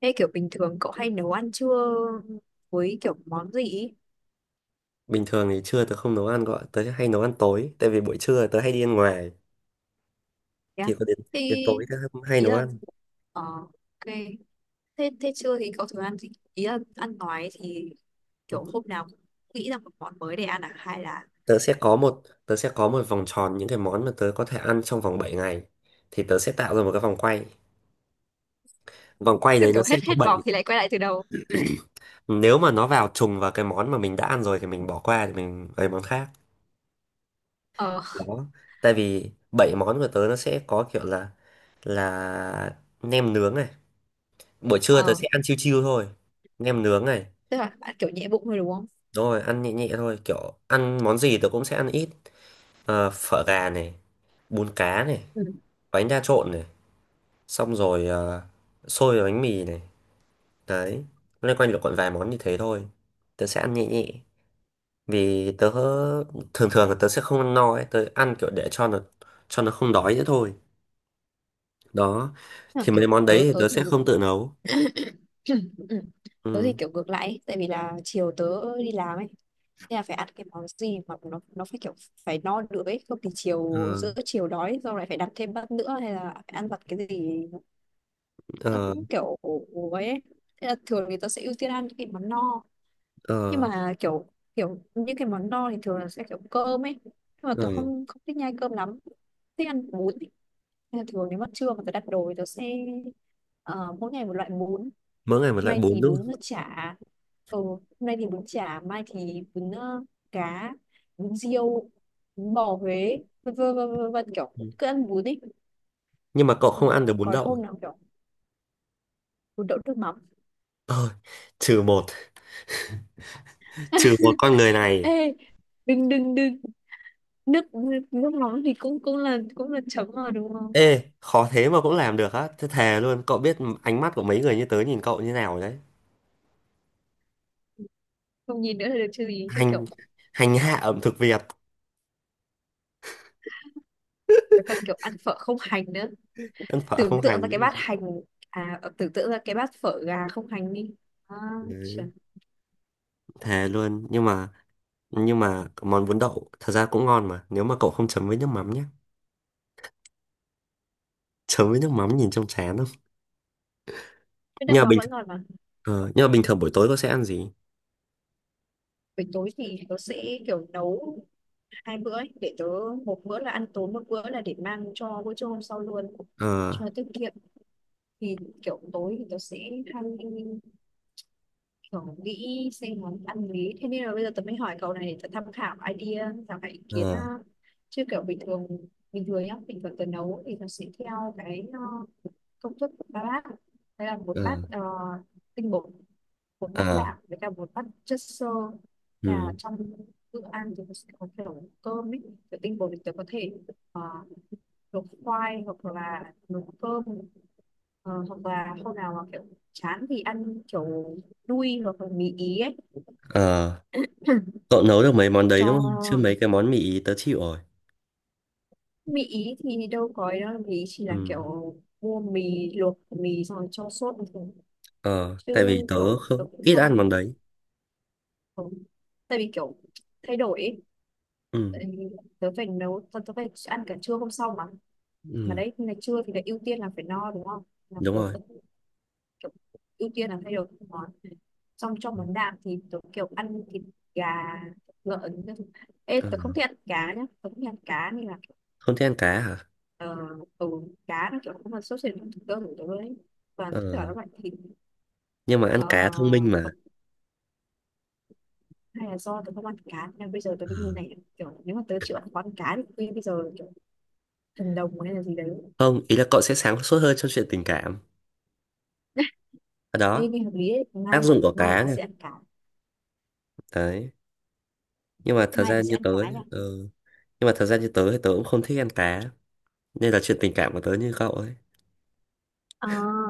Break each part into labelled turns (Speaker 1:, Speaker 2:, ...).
Speaker 1: Thế kiểu bình thường cậu hay nấu ăn trưa với kiểu món gì ý?
Speaker 2: Bình thường thì trưa tớ không nấu ăn gọi, tớ hay nấu ăn tối tại vì buổi trưa tớ hay đi ăn ngoài.
Speaker 1: Thế á?
Speaker 2: Thì có đến
Speaker 1: Thì
Speaker 2: đến tối tớ hay
Speaker 1: ý
Speaker 2: nấu
Speaker 1: là
Speaker 2: ăn.
Speaker 1: ok. Thế thế trưa thì cậu thường ăn gì? Ý là ăn nói thì
Speaker 2: Ừ.
Speaker 1: kiểu hôm nào cũng nghĩ ra một món mới để ăn à hay là?
Speaker 2: Tớ sẽ có một vòng tròn những cái món mà tớ có thể ăn trong vòng 7 ngày, thì tớ sẽ tạo ra một cái vòng quay. Vòng quay
Speaker 1: Thế
Speaker 2: đấy nó
Speaker 1: kiểu
Speaker 2: sẽ
Speaker 1: hết
Speaker 2: có
Speaker 1: hết vòng
Speaker 2: bảy.
Speaker 1: thì lại quay lại từ đầu.
Speaker 2: Nếu mà nó vào trùng vào cái món mà mình đã ăn rồi thì mình bỏ qua, thì mình lấy món khác.
Speaker 1: Ờ
Speaker 2: Đó. Tại vì 7 món của tớ nó sẽ có kiểu là nem nướng này. Buổi trưa tớ
Speaker 1: ờ,
Speaker 2: sẽ ăn chiêu chiêu thôi. Nem nướng này.
Speaker 1: tức là bạn kiểu nhẹ bụng thôi đúng không?
Speaker 2: Rồi ăn nhẹ nhẹ thôi, kiểu ăn món gì tớ cũng sẽ ăn ít. Ờ, phở gà này, bún cá này,
Speaker 1: Ừ.
Speaker 2: bánh đa trộn này, xong rồi xôi và bánh mì này. Đấy, loanh quanh được còn vài món như thế thôi. Tớ sẽ ăn nhẹ nhẹ, vì tớ thường thường là tớ sẽ không ăn no ấy, tớ ăn kiểu để cho nó không đói nữa thôi. Đó,
Speaker 1: Tức là
Speaker 2: thì mấy
Speaker 1: kiểu
Speaker 2: món
Speaker 1: tớ
Speaker 2: đấy thì
Speaker 1: tớ
Speaker 2: tớ
Speaker 1: thì
Speaker 2: sẽ
Speaker 1: ngược.
Speaker 2: không tự nấu.
Speaker 1: Ừ. Tớ thì
Speaker 2: Ừ.
Speaker 1: kiểu ngược lại ấy, tại vì là chiều tớ đi làm ấy. Thế là phải ăn cái món gì mà nó phải kiểu phải no nữa ấy, không thì
Speaker 2: Ờ,
Speaker 1: chiều giữa chiều đói rồi lại phải đặt thêm bát nữa hay là phải ăn vặt cái gì, nó
Speaker 2: ờ,
Speaker 1: cũng kiểu ấy ấy. Thế là thường thì tớ sẽ ưu tiên ăn những cái món no, nhưng
Speaker 2: ờ,
Speaker 1: mà kiểu, kiểu những cái món no thì thường là sẽ kiểu cơm ấy, nhưng mà
Speaker 2: ờ.
Speaker 1: tớ không không thích nhai cơm lắm, thích ăn bún ấy. Nên là thường nếu mà trưa mà tớ đặt đồ thì tớ sẽ ờ, mỗi ngày một loại bún. Hôm
Speaker 2: Mỗi ngày một loại
Speaker 1: nay
Speaker 2: bún
Speaker 1: thì
Speaker 2: đúng
Speaker 1: bún
Speaker 2: không.
Speaker 1: chả, ừ, hôm nay thì bún chả, mai thì bún cá, bún riêu, bún bò Huế, vân vân vân vân vân, kiểu
Speaker 2: Ừ.
Speaker 1: cứ ăn bún đi.
Speaker 2: Nhưng mà cậu
Speaker 1: Ừ,
Speaker 2: không ăn được bún
Speaker 1: còn
Speaker 2: đậu.
Speaker 1: hôm nào kiểu bún đậu nước mắm.
Speaker 2: Ờ, trừ một trừ một con người này.
Speaker 1: Ê, đừng đừng đừng, nước nước nước mắm thì cũng cũng là chấm mà đúng không?
Speaker 2: Ê, khó thế mà cũng làm được á, thế thề luôn cậu biết ánh mắt của mấy người như tớ nhìn cậu như nào đấy.
Speaker 1: Không nhìn nữa là được chứ gì, chứ
Speaker 2: hành
Speaker 1: kiểu
Speaker 2: hành hạ ẩm thực Việt.
Speaker 1: phải cần kiểu ăn phở không hành nữa.
Speaker 2: Ăn phở
Speaker 1: Tưởng
Speaker 2: không
Speaker 1: tượng
Speaker 2: hành
Speaker 1: ra
Speaker 2: nữa.
Speaker 1: cái bát hành, à, tưởng tượng ra cái bát phở gà không hành đi. À,
Speaker 2: Đấy,
Speaker 1: trời.
Speaker 2: thề luôn. Nhưng mà món bún đậu thật ra cũng ngon mà, nếu mà cậu không chấm với nước mắm nhé. Chấm với nước mắm nhìn trông chán không?
Speaker 1: Cái
Speaker 2: Nhưng
Speaker 1: đang
Speaker 2: mà
Speaker 1: mà
Speaker 2: bình
Speaker 1: vẫn
Speaker 2: thường,
Speaker 1: ngon mà.
Speaker 2: ờ, nhưng mà bình thường buổi tối cậu sẽ ăn gì?
Speaker 1: Buổi tối thì tớ sẽ kiểu nấu hai bữa ấy, để tớ, một bữa là ăn tối, một bữa là để mang cho bữa trưa hôm sau luôn
Speaker 2: Ờ,
Speaker 1: cho tiết kiệm. Thì kiểu tối thì tớ sẽ hay kiểu nghĩ xem món ăn gì, thế nên là bây giờ tớ mới hỏi cậu này để tớ tham khảo idea, tham khảo ý kiến ha.
Speaker 2: ờ,
Speaker 1: Chứ kiểu bình thường, bình thường nhá, bình thường tớ nấu thì tớ sẽ theo cái công thức của ba bát. Đây là một
Speaker 2: ờ,
Speaker 1: bát tinh bột, một bát
Speaker 2: ờ,
Speaker 1: đạm với cả một bát chất xơ. Là
Speaker 2: ừ,
Speaker 1: trong bữa ăn thì mình sẽ có kiểu cơm ấy, kiểu tinh bột thì tớ có thể ờ, luộc khoai hoặc là luộc cơm. Ờ, hoặc là hôm nào mà kiểu chán thì ăn kiểu đuôi hoặc là mì ý ấy.
Speaker 2: ờ. Cậu nấu được mấy món đấy đúng không, chứ
Speaker 1: Cho
Speaker 2: mấy cái món mì ý tớ chịu rồi.
Speaker 1: mì ý thì đâu có ấy đâu, mì ý chỉ
Speaker 2: Ừ.
Speaker 1: là kiểu mua mì, luộc mì xong rồi cho sốt thôi,
Speaker 2: Ờ,
Speaker 1: chứ
Speaker 2: tại vì tớ
Speaker 1: kiểu
Speaker 2: không,
Speaker 1: tôi cũng
Speaker 2: ít ăn
Speaker 1: không.
Speaker 2: món đấy.
Speaker 1: Ừ. Tại vì kiểu thay đổi ấy.
Speaker 2: Ừ,
Speaker 1: Tại vì tớ phải ăn cả trưa hôm sau mà
Speaker 2: ừ,
Speaker 1: đấy, ngày trưa thì lại ưu tiên là phải no đúng không, là
Speaker 2: đúng
Speaker 1: tớ
Speaker 2: rồi.
Speaker 1: vẫn kiểu ưu tiên là thay đổi các món. Xong trong món đạm thì tớ kiểu ăn thịt gà, lợn các thứ. Ê,
Speaker 2: Ờ,
Speaker 1: tớ không thích ăn cá nhá, tớ không thích ăn cá nên là
Speaker 2: không thích ăn cá hả?
Speaker 1: ờ, ừ, cá nó kiểu không là sốt sệt trong thực đơn của tớ đấy, toàn
Speaker 2: Ờ,
Speaker 1: tất cả các loại thịt.
Speaker 2: nhưng mà ăn
Speaker 1: ờ,
Speaker 2: cá thông minh mà.
Speaker 1: Hay là do tớ không ăn cá nên bây giờ tớ
Speaker 2: Ờ,
Speaker 1: mới như này, kiểu nếu mà tớ chịu ăn quán cá thì bây giờ thần đồng hay là gì đấy.
Speaker 2: không, ý là cậu sẽ sáng suốt hơn trong chuyện tình cảm. Ở
Speaker 1: Thế
Speaker 2: đó,
Speaker 1: nghe hợp lý ấy. Mai,
Speaker 2: tác dụng của
Speaker 1: mai
Speaker 2: cá
Speaker 1: ta
Speaker 2: này.
Speaker 1: sẽ ăn cá,
Speaker 2: Đấy. Nhưng mà thật
Speaker 1: mai
Speaker 2: ra
Speaker 1: ta sẽ
Speaker 2: như
Speaker 1: ăn
Speaker 2: tớ
Speaker 1: cá
Speaker 2: nhá,
Speaker 1: nha.
Speaker 2: ừ. Nhưng mà thật ra như tớ thì tớ cũng không thích ăn cá. Nên là chuyện tình cảm của tớ như cậu ấy.
Speaker 1: ờ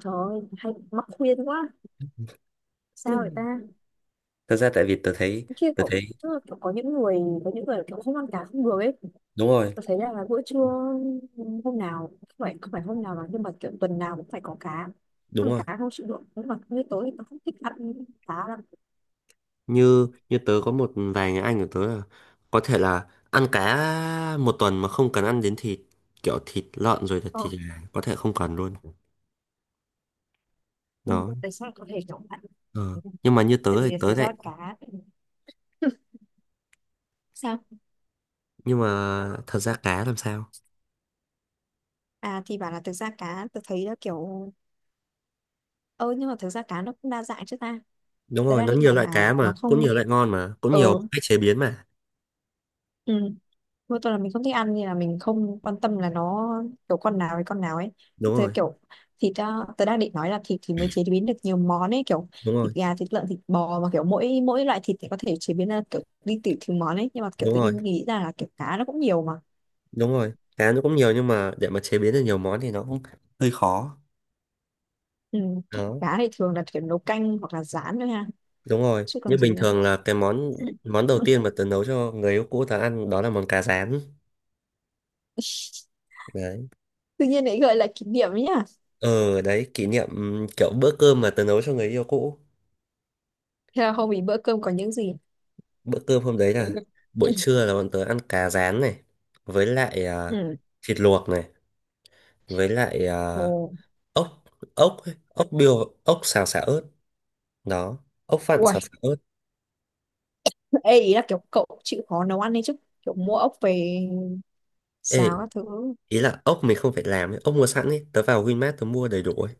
Speaker 1: Trời ơi, hay mắc khuyên quá, sao vậy
Speaker 2: Ừ.
Speaker 1: ta?
Speaker 2: Thật ra tại vì tớ thấy,
Speaker 1: Kia
Speaker 2: tớ
Speaker 1: kiểu,
Speaker 2: thấy,
Speaker 1: tức là kiểu có những người kiểu không ăn cá không được ấy.
Speaker 2: đúng rồi,
Speaker 1: Tôi thấy là bữa trưa hôm nào, không phải hôm nào mà nhưng mà kiểu tuần nào cũng phải có cá,
Speaker 2: đúng
Speaker 1: ăn
Speaker 2: rồi.
Speaker 1: cá không chịu được, nhưng mà như tối thì tôi không thích ăn cá lắm.
Speaker 2: Như như tớ có một vài người anh của tớ là có thể là ăn cá một tuần mà không cần ăn đến thịt, kiểu thịt lợn rồi là
Speaker 1: ờ,
Speaker 2: thịt gà có thể không cần luôn.
Speaker 1: nhưng mà
Speaker 2: Đó.
Speaker 1: tại sao lại có thể kiểu ăn,
Speaker 2: Ờ. Nhưng mà như
Speaker 1: tại
Speaker 2: tớ
Speaker 1: vì
Speaker 2: thì
Speaker 1: là
Speaker 2: tớ
Speaker 1: thực ra là
Speaker 2: đấy.
Speaker 1: cá. Sao?
Speaker 2: Nhưng mà thật ra cá làm sao?
Speaker 1: À thì bảo là thực ra cá tôi thấy là kiểu. Ờ, nhưng mà thực ra cá nó cũng đa dạng chứ ta.
Speaker 2: Đúng
Speaker 1: Tớ
Speaker 2: rồi,
Speaker 1: đang
Speaker 2: nó
Speaker 1: định
Speaker 2: nhiều
Speaker 1: bảo
Speaker 2: loại
Speaker 1: là
Speaker 2: cá mà
Speaker 1: nó
Speaker 2: cũng
Speaker 1: không,
Speaker 2: nhiều loại ngon mà cũng nhiều
Speaker 1: ừ
Speaker 2: cách chế biến mà.
Speaker 1: ừ, mỗi tuần là mình không thích ăn nên là mình không quan tâm là nó kiểu con nào với con nào ấy.
Speaker 2: Đúng
Speaker 1: Tớ
Speaker 2: rồi,
Speaker 1: kiểu thịt, à, tớ đang định nói là thịt thì mới chế biến được nhiều món ấy, kiểu
Speaker 2: đúng rồi,
Speaker 1: thịt gà, thịt lợn, thịt bò, mà kiểu mỗi mỗi loại thịt thì có thể chế biến ra kiểu đi tỉ thứ món ấy, nhưng mà kiểu
Speaker 2: đúng
Speaker 1: tự
Speaker 2: rồi,
Speaker 1: nhiên nghĩ ra là kiểu cá nó cũng nhiều mà.
Speaker 2: đúng rồi, cá nó cũng nhiều nhưng mà để mà chế biến được nhiều món thì nó cũng hơi khó.
Speaker 1: Ừ.
Speaker 2: Đó.
Speaker 1: Cá thì thường là kiểu nấu canh hoặc là rán thôi ha,
Speaker 2: Đúng rồi,
Speaker 1: chứ
Speaker 2: như
Speaker 1: còn gì
Speaker 2: bình
Speaker 1: nữa.
Speaker 2: thường là cái món món đầu tiên mà tớ nấu cho người yêu cũ tớ ăn đó là món cá rán. Đấy.
Speaker 1: Tự nhiên lại gợi lại kỷ niệm ấy nhá.
Speaker 2: Ờ đấy kỷ niệm. Kiểu bữa cơm mà tớ nấu cho người yêu cũ.
Speaker 1: Thế là hôm ý bữa cơm có những gì?
Speaker 2: Bữa cơm hôm đấy là buổi trưa là bọn tớ ăn cá rán này, với lại à,
Speaker 1: Ừ.
Speaker 2: thịt luộc này, với lại à,
Speaker 1: Ồ.
Speaker 2: ốc ốc ấy, ốc biêu ốc xào xả ớt. Đó, ốc vặn xào xả
Speaker 1: Uầy,
Speaker 2: ớt.
Speaker 1: ê, ý là kiểu cậu chịu khó nấu ăn đấy chứ. Kiểu mua ốc về
Speaker 2: Ê,
Speaker 1: xào các thứ.
Speaker 2: ý là ốc mình không phải làm ấy, ốc mua sẵn ấy, tớ vào Winmart tớ mua đầy đủ ấy.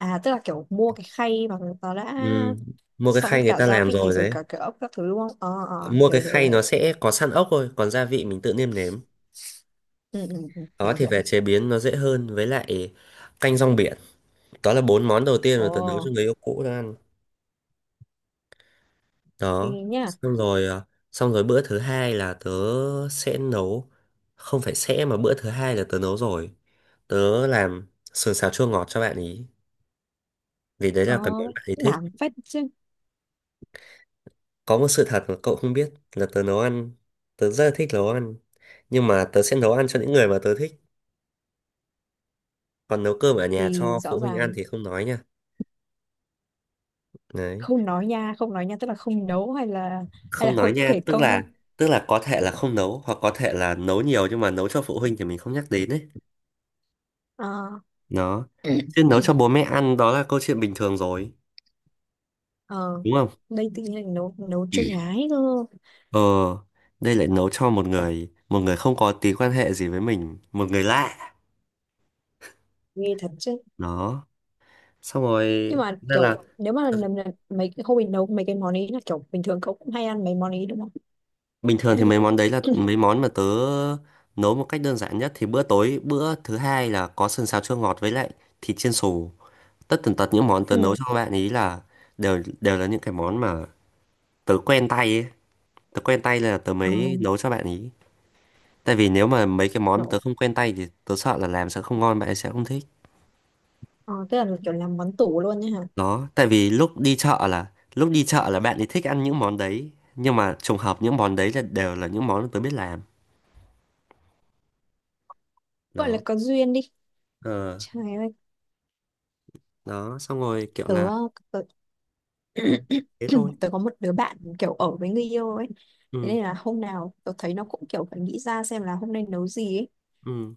Speaker 1: À, tức là kiểu mua cái khay mà nó đã
Speaker 2: Ừ, mua cái
Speaker 1: sẵn
Speaker 2: khay người
Speaker 1: cả
Speaker 2: ta
Speaker 1: gia
Speaker 2: làm
Speaker 1: vị
Speaker 2: rồi
Speaker 1: rồi,
Speaker 2: đấy.
Speaker 1: cả cái ốc các thứ đúng không? Ờ ờ,
Speaker 2: Mua cái
Speaker 1: hiểu hiểu
Speaker 2: khay
Speaker 1: hiểu.
Speaker 2: nó sẽ có sẵn ốc thôi, còn gia vị mình tự nêm nếm.
Speaker 1: Ừ, ừ, ừ,
Speaker 2: Đó,
Speaker 1: hiểu
Speaker 2: thì
Speaker 1: hiểu
Speaker 2: về
Speaker 1: hiểu.
Speaker 2: chế biến nó dễ hơn, với lại canh rong biển. Đó là bốn món đầu tiên mà
Speaker 1: Ồ,
Speaker 2: tớ nấu cho người yêu cũ tớ ăn.
Speaker 1: thì
Speaker 2: Đó.
Speaker 1: nhá.
Speaker 2: Xong rồi à, xong rồi bữa thứ hai là tớ sẽ nấu, không phải sẽ mà bữa thứ hai là tớ nấu rồi. Tớ làm sườn xào chua ngọt cho bạn ý, vì đấy
Speaker 1: Ờ,
Speaker 2: là cái món bạn ấy thích.
Speaker 1: đảm phách chứ.
Speaker 2: Có một sự thật mà cậu không biết là tớ nấu ăn, tớ rất là thích nấu ăn, nhưng mà tớ sẽ nấu ăn cho những người mà tớ thích. Còn nấu cơm ở nhà
Speaker 1: Thì
Speaker 2: cho
Speaker 1: rõ
Speaker 2: phụ huynh ăn
Speaker 1: ràng.
Speaker 2: thì không nói nha. Đấy.
Speaker 1: Không nói nha, không nói nha, tức là không nấu hay là
Speaker 2: Không nói
Speaker 1: không
Speaker 2: nha
Speaker 1: kể
Speaker 2: tức
Speaker 1: công.
Speaker 2: là tức là có thể là không nấu, hoặc có thể là nấu nhiều nhưng mà nấu cho phụ huynh thì mình không nhắc đến ấy.
Speaker 1: Ờ.
Speaker 2: Đó. Chứ nấu cho bố mẹ ăn đó là câu chuyện bình thường rồi,
Speaker 1: Ờ,
Speaker 2: đúng không?
Speaker 1: đây tự nhiên lại nấu nấu cho gái cơ,
Speaker 2: Ờ, đây lại nấu cho một người không có tí quan hệ gì với mình, một người lạ.
Speaker 1: nghe thật chứ.
Speaker 2: Đó. Xong rồi,
Speaker 1: Nhưng mà
Speaker 2: nên là
Speaker 1: kiểu nếu mà lần lần mấy cái hôm mình nấu mấy cái món ấy, là kiểu bình thường cậu cũng hay ăn mấy món ấy đúng không?
Speaker 2: bình thường thì mấy món đấy là mấy món mà tớ nấu một cách đơn giản nhất. Thì bữa tối, bữa thứ hai là có sườn xào chua ngọt với lại thịt chiên xù. Tất tần tật những món tớ
Speaker 1: Ừ.
Speaker 2: nấu cho các bạn ý là đều đều là những cái món mà tớ quen tay ấy. Tớ quen tay là tớ
Speaker 1: Ờ,
Speaker 2: mới nấu cho bạn ý. Tại vì nếu mà mấy cái món tớ
Speaker 1: kiểu,
Speaker 2: không quen tay thì tớ sợ là làm sẽ không ngon, bạn ấy sẽ không thích.
Speaker 1: ờ, tức là kiểu làm món tủ luôn nhá hả.
Speaker 2: Đó, tại vì lúc đi chợ là lúc đi chợ là bạn ấy thích ăn những món đấy, nhưng mà trùng hợp những món đấy là đều là những món tớ biết làm.
Speaker 1: Gọi là
Speaker 2: Đó.
Speaker 1: có duyên đi.
Speaker 2: Ờ,
Speaker 1: Trời ơi.
Speaker 2: đó, xong rồi kiểu
Speaker 1: tớ,
Speaker 2: là
Speaker 1: tớ
Speaker 2: ừ, thế thôi.
Speaker 1: Tớ có một đứa bạn kiểu ở với người yêu ấy, thế
Speaker 2: Ừ,
Speaker 1: nên là hôm nào tớ thấy nó cũng kiểu phải nghĩ ra xem là hôm nay nấu gì ấy.
Speaker 2: ừ,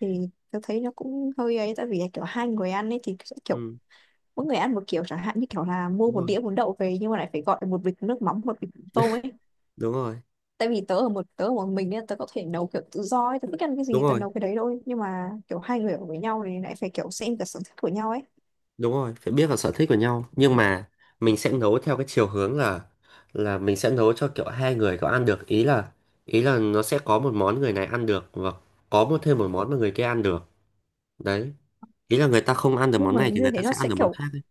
Speaker 1: Thì tớ thấy nó cũng hơi ấy, tại vì là kiểu hai người ăn ấy thì sẽ kiểu
Speaker 2: ừ,
Speaker 1: mỗi người ăn một kiểu, chẳng hạn như kiểu là mua
Speaker 2: đúng
Speaker 1: một
Speaker 2: rồi.
Speaker 1: đĩa bún đậu về nhưng mà lại phải gọi một bịch nước mắm, một bịch tôm ấy.
Speaker 2: Đúng rồi.
Speaker 1: Tại vì tớ ở một mình nên tớ có thể nấu kiểu tự do ấy, tớ thích ăn cái
Speaker 2: Đúng
Speaker 1: gì tớ
Speaker 2: rồi.
Speaker 1: nấu cái đấy thôi, nhưng mà kiểu hai người ở với nhau thì lại phải kiểu xem cả sở thích của nhau ấy.
Speaker 2: Đúng rồi, phải biết vào sở thích của nhau. Nhưng mà mình sẽ nấu theo cái chiều hướng là mình sẽ nấu cho kiểu hai người có ăn được. Ý là nó sẽ có một món người này ăn được, và có một thêm một món mà người kia ăn được. Đấy. Ý là người ta không ăn được
Speaker 1: Nhưng
Speaker 2: món
Speaker 1: mà
Speaker 2: này thì
Speaker 1: như
Speaker 2: người ta
Speaker 1: thế nó
Speaker 2: sẽ ăn
Speaker 1: sẽ
Speaker 2: được món
Speaker 1: kiểu,
Speaker 2: khác ấy.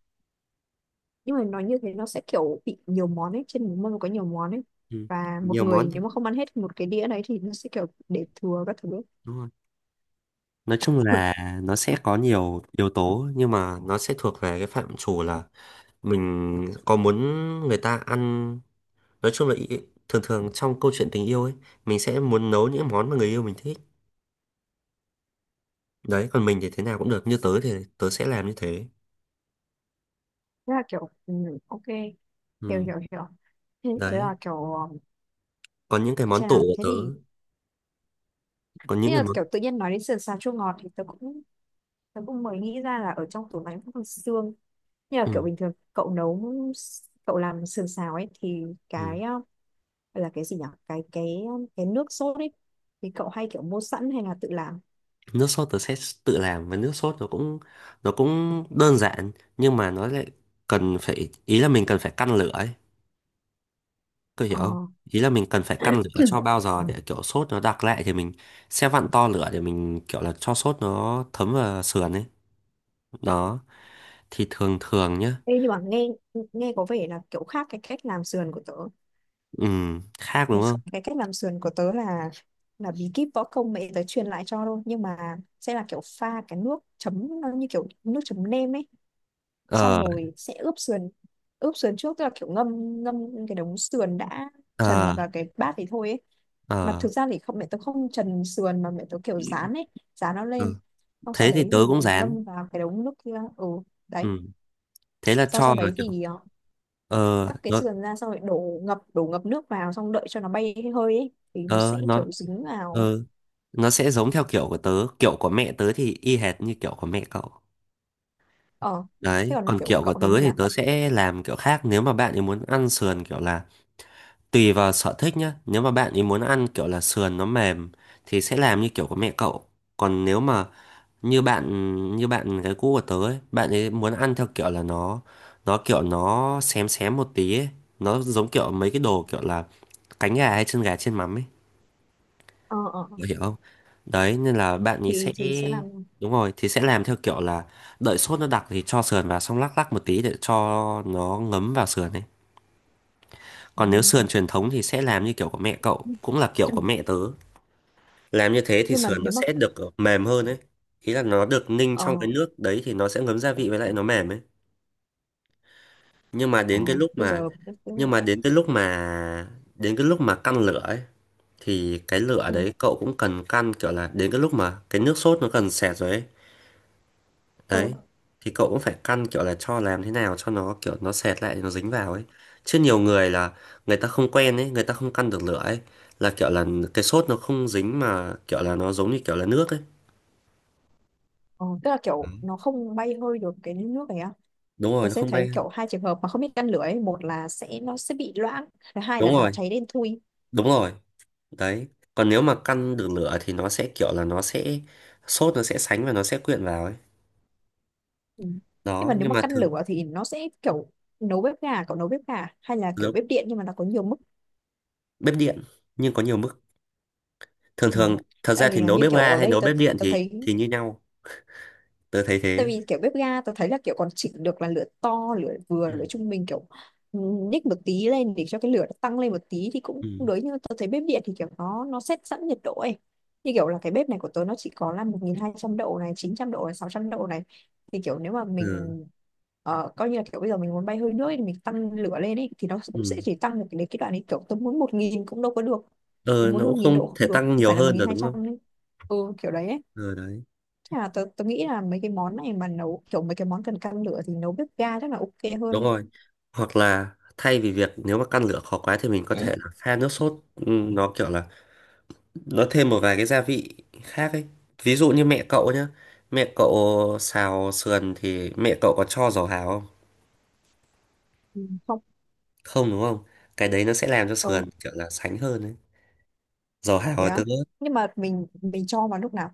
Speaker 1: nhưng mà nói như thế nó sẽ kiểu bị nhiều món ấy, trên một mâm có nhiều món ấy,
Speaker 2: Ừ.
Speaker 1: và một
Speaker 2: Nhiều
Speaker 1: người
Speaker 2: món.
Speaker 1: nếu mà không ăn hết một cái đĩa đấy thì nó sẽ kiểu để thừa các thứ ấy.
Speaker 2: Đúng rồi. Nói chung là nó sẽ có nhiều yếu tố, nhưng mà nó sẽ thuộc về cái phạm trù là mình có muốn người ta ăn, nói chung là thường thường trong câu chuyện tình yêu ấy mình sẽ muốn nấu những món mà người yêu mình thích. Đấy, còn mình thì thế nào cũng được, như tớ thì tớ sẽ làm như thế.
Speaker 1: Thế là kiểu ừ, ok, hiểu
Speaker 2: Ừ.
Speaker 1: hiểu hiểu. Thế, thế
Speaker 2: Đấy,
Speaker 1: là kiểu um,
Speaker 2: còn những cái món
Speaker 1: Xem
Speaker 2: tủ
Speaker 1: nào,
Speaker 2: của
Speaker 1: thế
Speaker 2: tớ,
Speaker 1: thì
Speaker 2: còn
Speaker 1: thế
Speaker 2: những cái
Speaker 1: là
Speaker 2: món.
Speaker 1: kiểu tự nhiên nói đến sườn xào chua ngọt thì tớ cũng mới nghĩ ra là ở trong tủ lạnh cũng còn xương. Như là
Speaker 2: Ừ.
Speaker 1: kiểu bình thường cậu nấu, cậu làm sườn xào ấy, thì
Speaker 2: Ừ.
Speaker 1: cái gọi là cái gì nhỉ, cái cái nước sốt ấy, thì cậu hay kiểu mua sẵn hay là tự làm?
Speaker 2: Nước sốt tớ sẽ tự làm, và nước sốt nó cũng đơn giản nhưng mà nó lại cần phải, ý là mình cần phải căn lửa ấy, có hiểu
Speaker 1: Ờ.
Speaker 2: không. Ý là mình cần phải căn lửa cho bao giờ để kiểu sốt nó đặc lại thì mình sẽ vặn to lửa để mình kiểu là cho sốt nó thấm vào sườn ấy. Đó, thì thường thường nhá.
Speaker 1: Ê, nhưng mà nghe, nghe có vẻ là kiểu khác cái cách làm sườn của tớ.
Speaker 2: Ừ. Khác đúng
Speaker 1: cái,
Speaker 2: không?
Speaker 1: cái cách làm sườn của tớ là bí kíp võ công mẹ tớ truyền lại cho thôi, nhưng mà sẽ là kiểu pha cái nước chấm nó như kiểu nước chấm nêm ấy, xong
Speaker 2: Ờ,
Speaker 1: rồi sẽ Ướp sườn trước, tức là kiểu ngâm ngâm cái đống sườn đã
Speaker 2: ờ,
Speaker 1: trần vào cái bát thì thôi ấy. Mà
Speaker 2: ờ,
Speaker 1: thực ra thì không, mẹ tôi không trần sườn mà mẹ tôi kiểu rán ấy, rán nó
Speaker 2: ờ.
Speaker 1: lên. Xong sau
Speaker 2: Thế thì
Speaker 1: đấy
Speaker 2: tớ
Speaker 1: thì
Speaker 2: cũng dán.
Speaker 1: ngâm vào cái đống nước kia. Ừ,
Speaker 2: Ừ.
Speaker 1: đấy.
Speaker 2: Thế là
Speaker 1: Xong sau
Speaker 2: cho là
Speaker 1: đấy
Speaker 2: kiểu
Speaker 1: thì
Speaker 2: ờ
Speaker 1: cắt cái
Speaker 2: nó
Speaker 1: sườn ra, xong rồi đổ ngập nước vào, xong đợi cho nó bay cái hơi ấy thì nó sẽ
Speaker 2: ờ nó
Speaker 1: kiểu dính vào.
Speaker 2: ờ nó sẽ giống theo kiểu của tớ, kiểu của mẹ tớ thì y hệt như kiểu của mẹ cậu.
Speaker 1: Ờ, thế
Speaker 2: Đấy,
Speaker 1: còn
Speaker 2: còn
Speaker 1: kiểu
Speaker 2: kiểu của
Speaker 1: cậu thì
Speaker 2: tớ
Speaker 1: như
Speaker 2: thì
Speaker 1: nào?
Speaker 2: tớ sẽ làm kiểu khác, nếu mà bạn ấy muốn ăn sườn kiểu là tùy vào sở thích nhá. Nếu mà bạn ấy muốn ăn kiểu là sườn nó mềm thì sẽ làm như kiểu của mẹ cậu. Còn nếu mà như bạn như bạn cái cũ của tớ ấy, bạn ấy muốn ăn theo kiểu là nó kiểu nó xém xém một tí ấy. Nó giống kiểu mấy cái đồ kiểu là cánh gà hay chân gà chiên mắm ấy.
Speaker 1: Ờ ờ ờ.
Speaker 2: Bạn hiểu không? Đấy, nên là bạn ấy
Speaker 1: thì
Speaker 2: sẽ
Speaker 1: thì sẽ làm.
Speaker 2: đúng rồi, thì sẽ làm theo kiểu là đợi sốt nó đặc thì cho sườn vào, xong lắc lắc một tí để cho nó ngấm vào sườn ấy. Còn nếu
Speaker 1: Ừ.
Speaker 2: sườn truyền thống thì sẽ làm như kiểu của mẹ cậu cũng là kiểu của mẹ tớ. Làm như thế thì
Speaker 1: Nhưng mà
Speaker 2: sườn nó
Speaker 1: nếu mà,
Speaker 2: sẽ được mềm hơn ấy, ý là nó được ninh
Speaker 1: ờ,
Speaker 2: trong cái nước đấy thì nó sẽ ngấm gia vị với lại nó mềm ấy. Nhưng mà
Speaker 1: ờ,
Speaker 2: đến cái lúc
Speaker 1: bây
Speaker 2: mà
Speaker 1: giờ tức tức là,
Speaker 2: nhưng mà đến cái lúc mà đến cái lúc mà căn lửa ấy, thì cái lửa
Speaker 1: ừ,
Speaker 2: đấy cậu cũng cần căn kiểu là đến cái lúc mà cái nước sốt nó cần sệt rồi ấy. Đấy,
Speaker 1: ừ,
Speaker 2: thì cậu cũng phải căn kiểu là cho làm thế nào cho nó kiểu nó sệt lại nó dính vào ấy. Chứ nhiều người là người ta không quen ấy, người ta không căn được lửa ấy, là kiểu là cái sốt nó không dính mà kiểu là nó giống như kiểu là nước ấy.
Speaker 1: ờ, tức là
Speaker 2: Ừ.
Speaker 1: kiểu nó không bay hơi được cái nước này á.
Speaker 2: Đúng rồi
Speaker 1: Tớ
Speaker 2: nó
Speaker 1: sẽ
Speaker 2: không
Speaker 1: thấy
Speaker 2: bay.
Speaker 1: kiểu hai trường hợp mà không biết căn lửa ấy, một là sẽ nó sẽ bị loãng, thứ hai là
Speaker 2: Đúng
Speaker 1: nó
Speaker 2: rồi,
Speaker 1: cháy đen thui.
Speaker 2: đúng rồi. Đấy, còn nếu mà căn được lửa thì nó sẽ kiểu là nó sẽ sốt nó sẽ sánh và nó sẽ quyện vào ấy.
Speaker 1: Ừ. Nhưng mà
Speaker 2: Đó,
Speaker 1: nếu
Speaker 2: nhưng
Speaker 1: mà
Speaker 2: mà
Speaker 1: căn
Speaker 2: thường
Speaker 1: lửa thì nó sẽ kiểu, nấu bếp gà, cậu nấu bếp gà hay là kiểu
Speaker 2: nấu
Speaker 1: bếp điện nhưng mà nó có nhiều mức?
Speaker 2: bếp điện nhưng có nhiều mức. Thường
Speaker 1: Ừ.
Speaker 2: thường, thật ra
Speaker 1: Tại
Speaker 2: thì
Speaker 1: vì là
Speaker 2: nấu
Speaker 1: như
Speaker 2: bếp
Speaker 1: kiểu
Speaker 2: ga
Speaker 1: ở
Speaker 2: hay
Speaker 1: đây
Speaker 2: nấu
Speaker 1: tớ,
Speaker 2: bếp điện
Speaker 1: tớ
Speaker 2: thì
Speaker 1: thấy,
Speaker 2: như nhau. Tớ thấy
Speaker 1: tại
Speaker 2: thế.
Speaker 1: vì kiểu bếp ga tao thấy là kiểu còn chỉnh được là lửa to, lửa vừa,
Speaker 2: Ừ,
Speaker 1: lửa trung bình kiểu, ừ, nhích một tí lên để cho cái lửa nó tăng lên một tí thì cũng
Speaker 2: ừ,
Speaker 1: cũng đối, nhưng mà thấy bếp điện thì kiểu nó set sẵn nhiệt độ ấy, như kiểu là cái bếp này của tớ nó chỉ có là 1200 độ này, 900 độ này, 600 độ này. Thì kiểu nếu mà mình
Speaker 2: ừ,
Speaker 1: coi như là kiểu bây giờ mình muốn bay hơi nước ấy, thì mình tăng lửa lên ấy, thì nó cũng sẽ
Speaker 2: ừ,
Speaker 1: chỉ tăng được đến cái đoạn ấy, kiểu tớ muốn 1000 cũng đâu có được, tớ
Speaker 2: ờ,
Speaker 1: muốn
Speaker 2: nó
Speaker 1: một
Speaker 2: cũng
Speaker 1: nghìn
Speaker 2: không
Speaker 1: độ
Speaker 2: thể
Speaker 1: không được,
Speaker 2: tăng
Speaker 1: không
Speaker 2: nhiều
Speaker 1: phải là
Speaker 2: hơn rồi đúng
Speaker 1: 1200
Speaker 2: không.
Speaker 1: ấy. Ừ, kiểu đấy ấy.
Speaker 2: Ờ đấy,
Speaker 1: Nhưng mà tớ nghĩ là mấy cái món này mà nấu kiểu, mấy cái món cần căn lửa thì nấu bếp ga chắc là ok hơn.
Speaker 2: đúng rồi. Hoặc là thay vì việc nếu mà căn lửa khó quá thì mình có thể là pha nước sốt, ừ, nó kiểu là nó thêm một vài cái gia vị khác ấy. Ví dụ như mẹ cậu nhá, mẹ cậu xào sườn thì mẹ cậu có cho dầu hào không?
Speaker 1: Ừ, không.
Speaker 2: Không đúng không? Cái đấy nó sẽ làm cho
Speaker 1: Ờ,
Speaker 2: sườn kiểu là sánh hơn ấy, dầu hào
Speaker 1: thế
Speaker 2: và
Speaker 1: á?
Speaker 2: tương ớt.
Speaker 1: Nhưng mà mình cho vào lúc nào?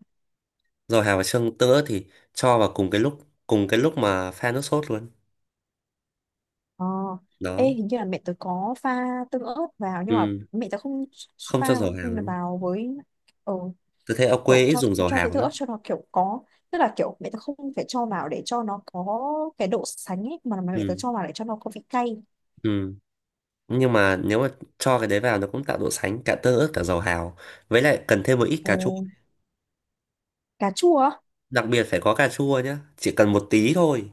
Speaker 2: Dầu hào và xương tương ớt thì cho vào cùng cái lúc, cùng cái lúc mà pha nước sốt luôn.
Speaker 1: Ờ. Ê,
Speaker 2: Đó.
Speaker 1: hình như là mẹ tớ có pha tương ớt vào, nhưng mà
Speaker 2: Ừ.
Speaker 1: mẹ tớ không
Speaker 2: Không cho
Speaker 1: pha
Speaker 2: dầu hào luôn.
Speaker 1: vào với, ờ,
Speaker 2: Tôi thấy ở
Speaker 1: kiểu
Speaker 2: quê ít
Speaker 1: cho
Speaker 2: dùng dầu
Speaker 1: cho tớ
Speaker 2: hào
Speaker 1: tương ớt
Speaker 2: lắm.
Speaker 1: cho nó kiểu có, tức là kiểu mẹ tớ không phải cho vào để cho nó có cái độ sánh ấy, mà mẹ tớ
Speaker 2: Ừ,
Speaker 1: cho vào để cho nó có vị cay.
Speaker 2: ừ. Nhưng mà nếu mà cho cái đấy vào nó cũng tạo độ sánh, cả tương ớt cả dầu hào, với lại cần thêm một ít
Speaker 1: Ồ,
Speaker 2: cà chua.
Speaker 1: cà chua á?
Speaker 2: Đặc biệt phải có cà chua nhá, chỉ cần một tí thôi.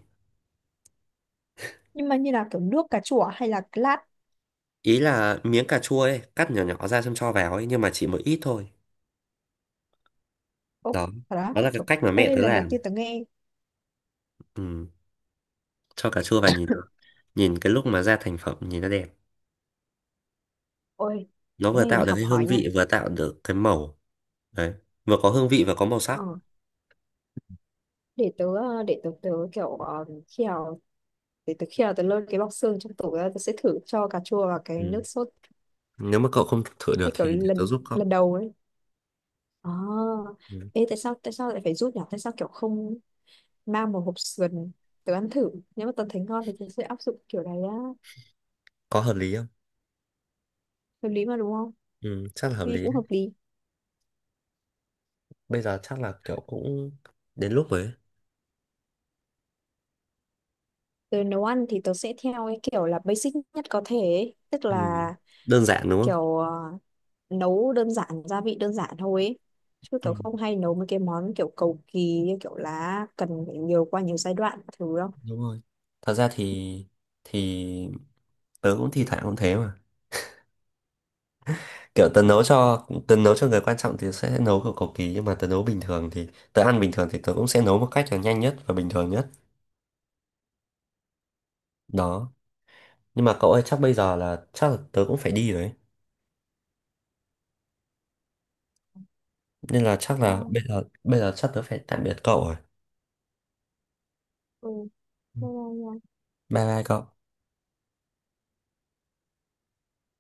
Speaker 1: Nhưng mà như là kiểu nước cà chua à, hay là lát?
Speaker 2: Ý là miếng cà chua ấy, cắt nhỏ nhỏ ra xong cho vào ấy, nhưng mà chỉ một ít thôi.
Speaker 1: Úc,
Speaker 2: Đó,
Speaker 1: thật đó
Speaker 2: đó là cái
Speaker 1: trời.
Speaker 2: cách mà mẹ
Speaker 1: Ê,
Speaker 2: tớ
Speaker 1: lần đầu
Speaker 2: làm.
Speaker 1: tiên tớ nghe.
Speaker 2: Ừ, cho cà chua vào nhìn nó. Nhìn cái lúc mà ra thành phẩm nhìn nó đẹp.
Speaker 1: Ôi,
Speaker 2: Nó
Speaker 1: cái
Speaker 2: vừa
Speaker 1: này
Speaker 2: tạo
Speaker 1: là
Speaker 2: được
Speaker 1: học
Speaker 2: cái hương
Speaker 1: hỏi nha.
Speaker 2: vị, vừa tạo được cái màu. Đấy, vừa có hương vị và có màu sắc.
Speaker 1: ờ, để tớ, để tớ tớ kiểu, khi nào, để tớ khi nào tớ lôi cái bọc xương trong tủ ra tớ sẽ thử cho cà chua và cái
Speaker 2: Ừ.
Speaker 1: nước sốt,
Speaker 2: Nếu mà cậu không thử được
Speaker 1: cái kiểu
Speaker 2: thì để tớ
Speaker 1: lần
Speaker 2: giúp cậu.
Speaker 1: lần đầu ấy. À,
Speaker 2: Ừ.
Speaker 1: ê, tại sao lại phải rút nhỉ, tại sao kiểu không mang một hộp sườn, tớ ăn thử, nếu mà tớ thấy ngon thì tớ sẽ áp dụng kiểu này á.
Speaker 2: Có hợp lý không?
Speaker 1: Hợp lý mà đúng không?
Speaker 2: Ừ, chắc là hợp
Speaker 1: Nghe
Speaker 2: lý,
Speaker 1: cũng
Speaker 2: đấy.
Speaker 1: hợp lý.
Speaker 2: Bây giờ chắc là kiểu cũng đến lúc rồi ấy.
Speaker 1: Tớ nấu ăn thì tớ sẽ theo cái kiểu là basic nhất có thể ấy. Tức
Speaker 2: Ừ.
Speaker 1: là
Speaker 2: Đơn giản đúng
Speaker 1: kiểu nấu đơn giản, gia vị đơn giản thôi ấy, chứ kiểu
Speaker 2: không?
Speaker 1: không hay nấu mấy cái món kiểu cầu kỳ như kiểu là cần phải qua nhiều giai đoạn các thứ đâu.
Speaker 2: Đúng rồi, thật ra thì thì tớ cũng thi thoảng cũng thế mà. Kiểu tớ nấu cho người quan trọng thì sẽ nấu kiểu cầu kỳ, nhưng mà tớ nấu bình thường thì tớ ăn bình thường thì tớ cũng sẽ nấu một cách là nhanh nhất và bình thường nhất. Đó. Nhưng mà cậu ơi chắc bây giờ là chắc là tớ cũng phải đi rồi ấy. Nên là chắc
Speaker 1: Và,
Speaker 2: là bây giờ chắc tớ phải tạm biệt cậu rồi.
Speaker 1: ừ, thế là nhà
Speaker 2: Bye bye cậu.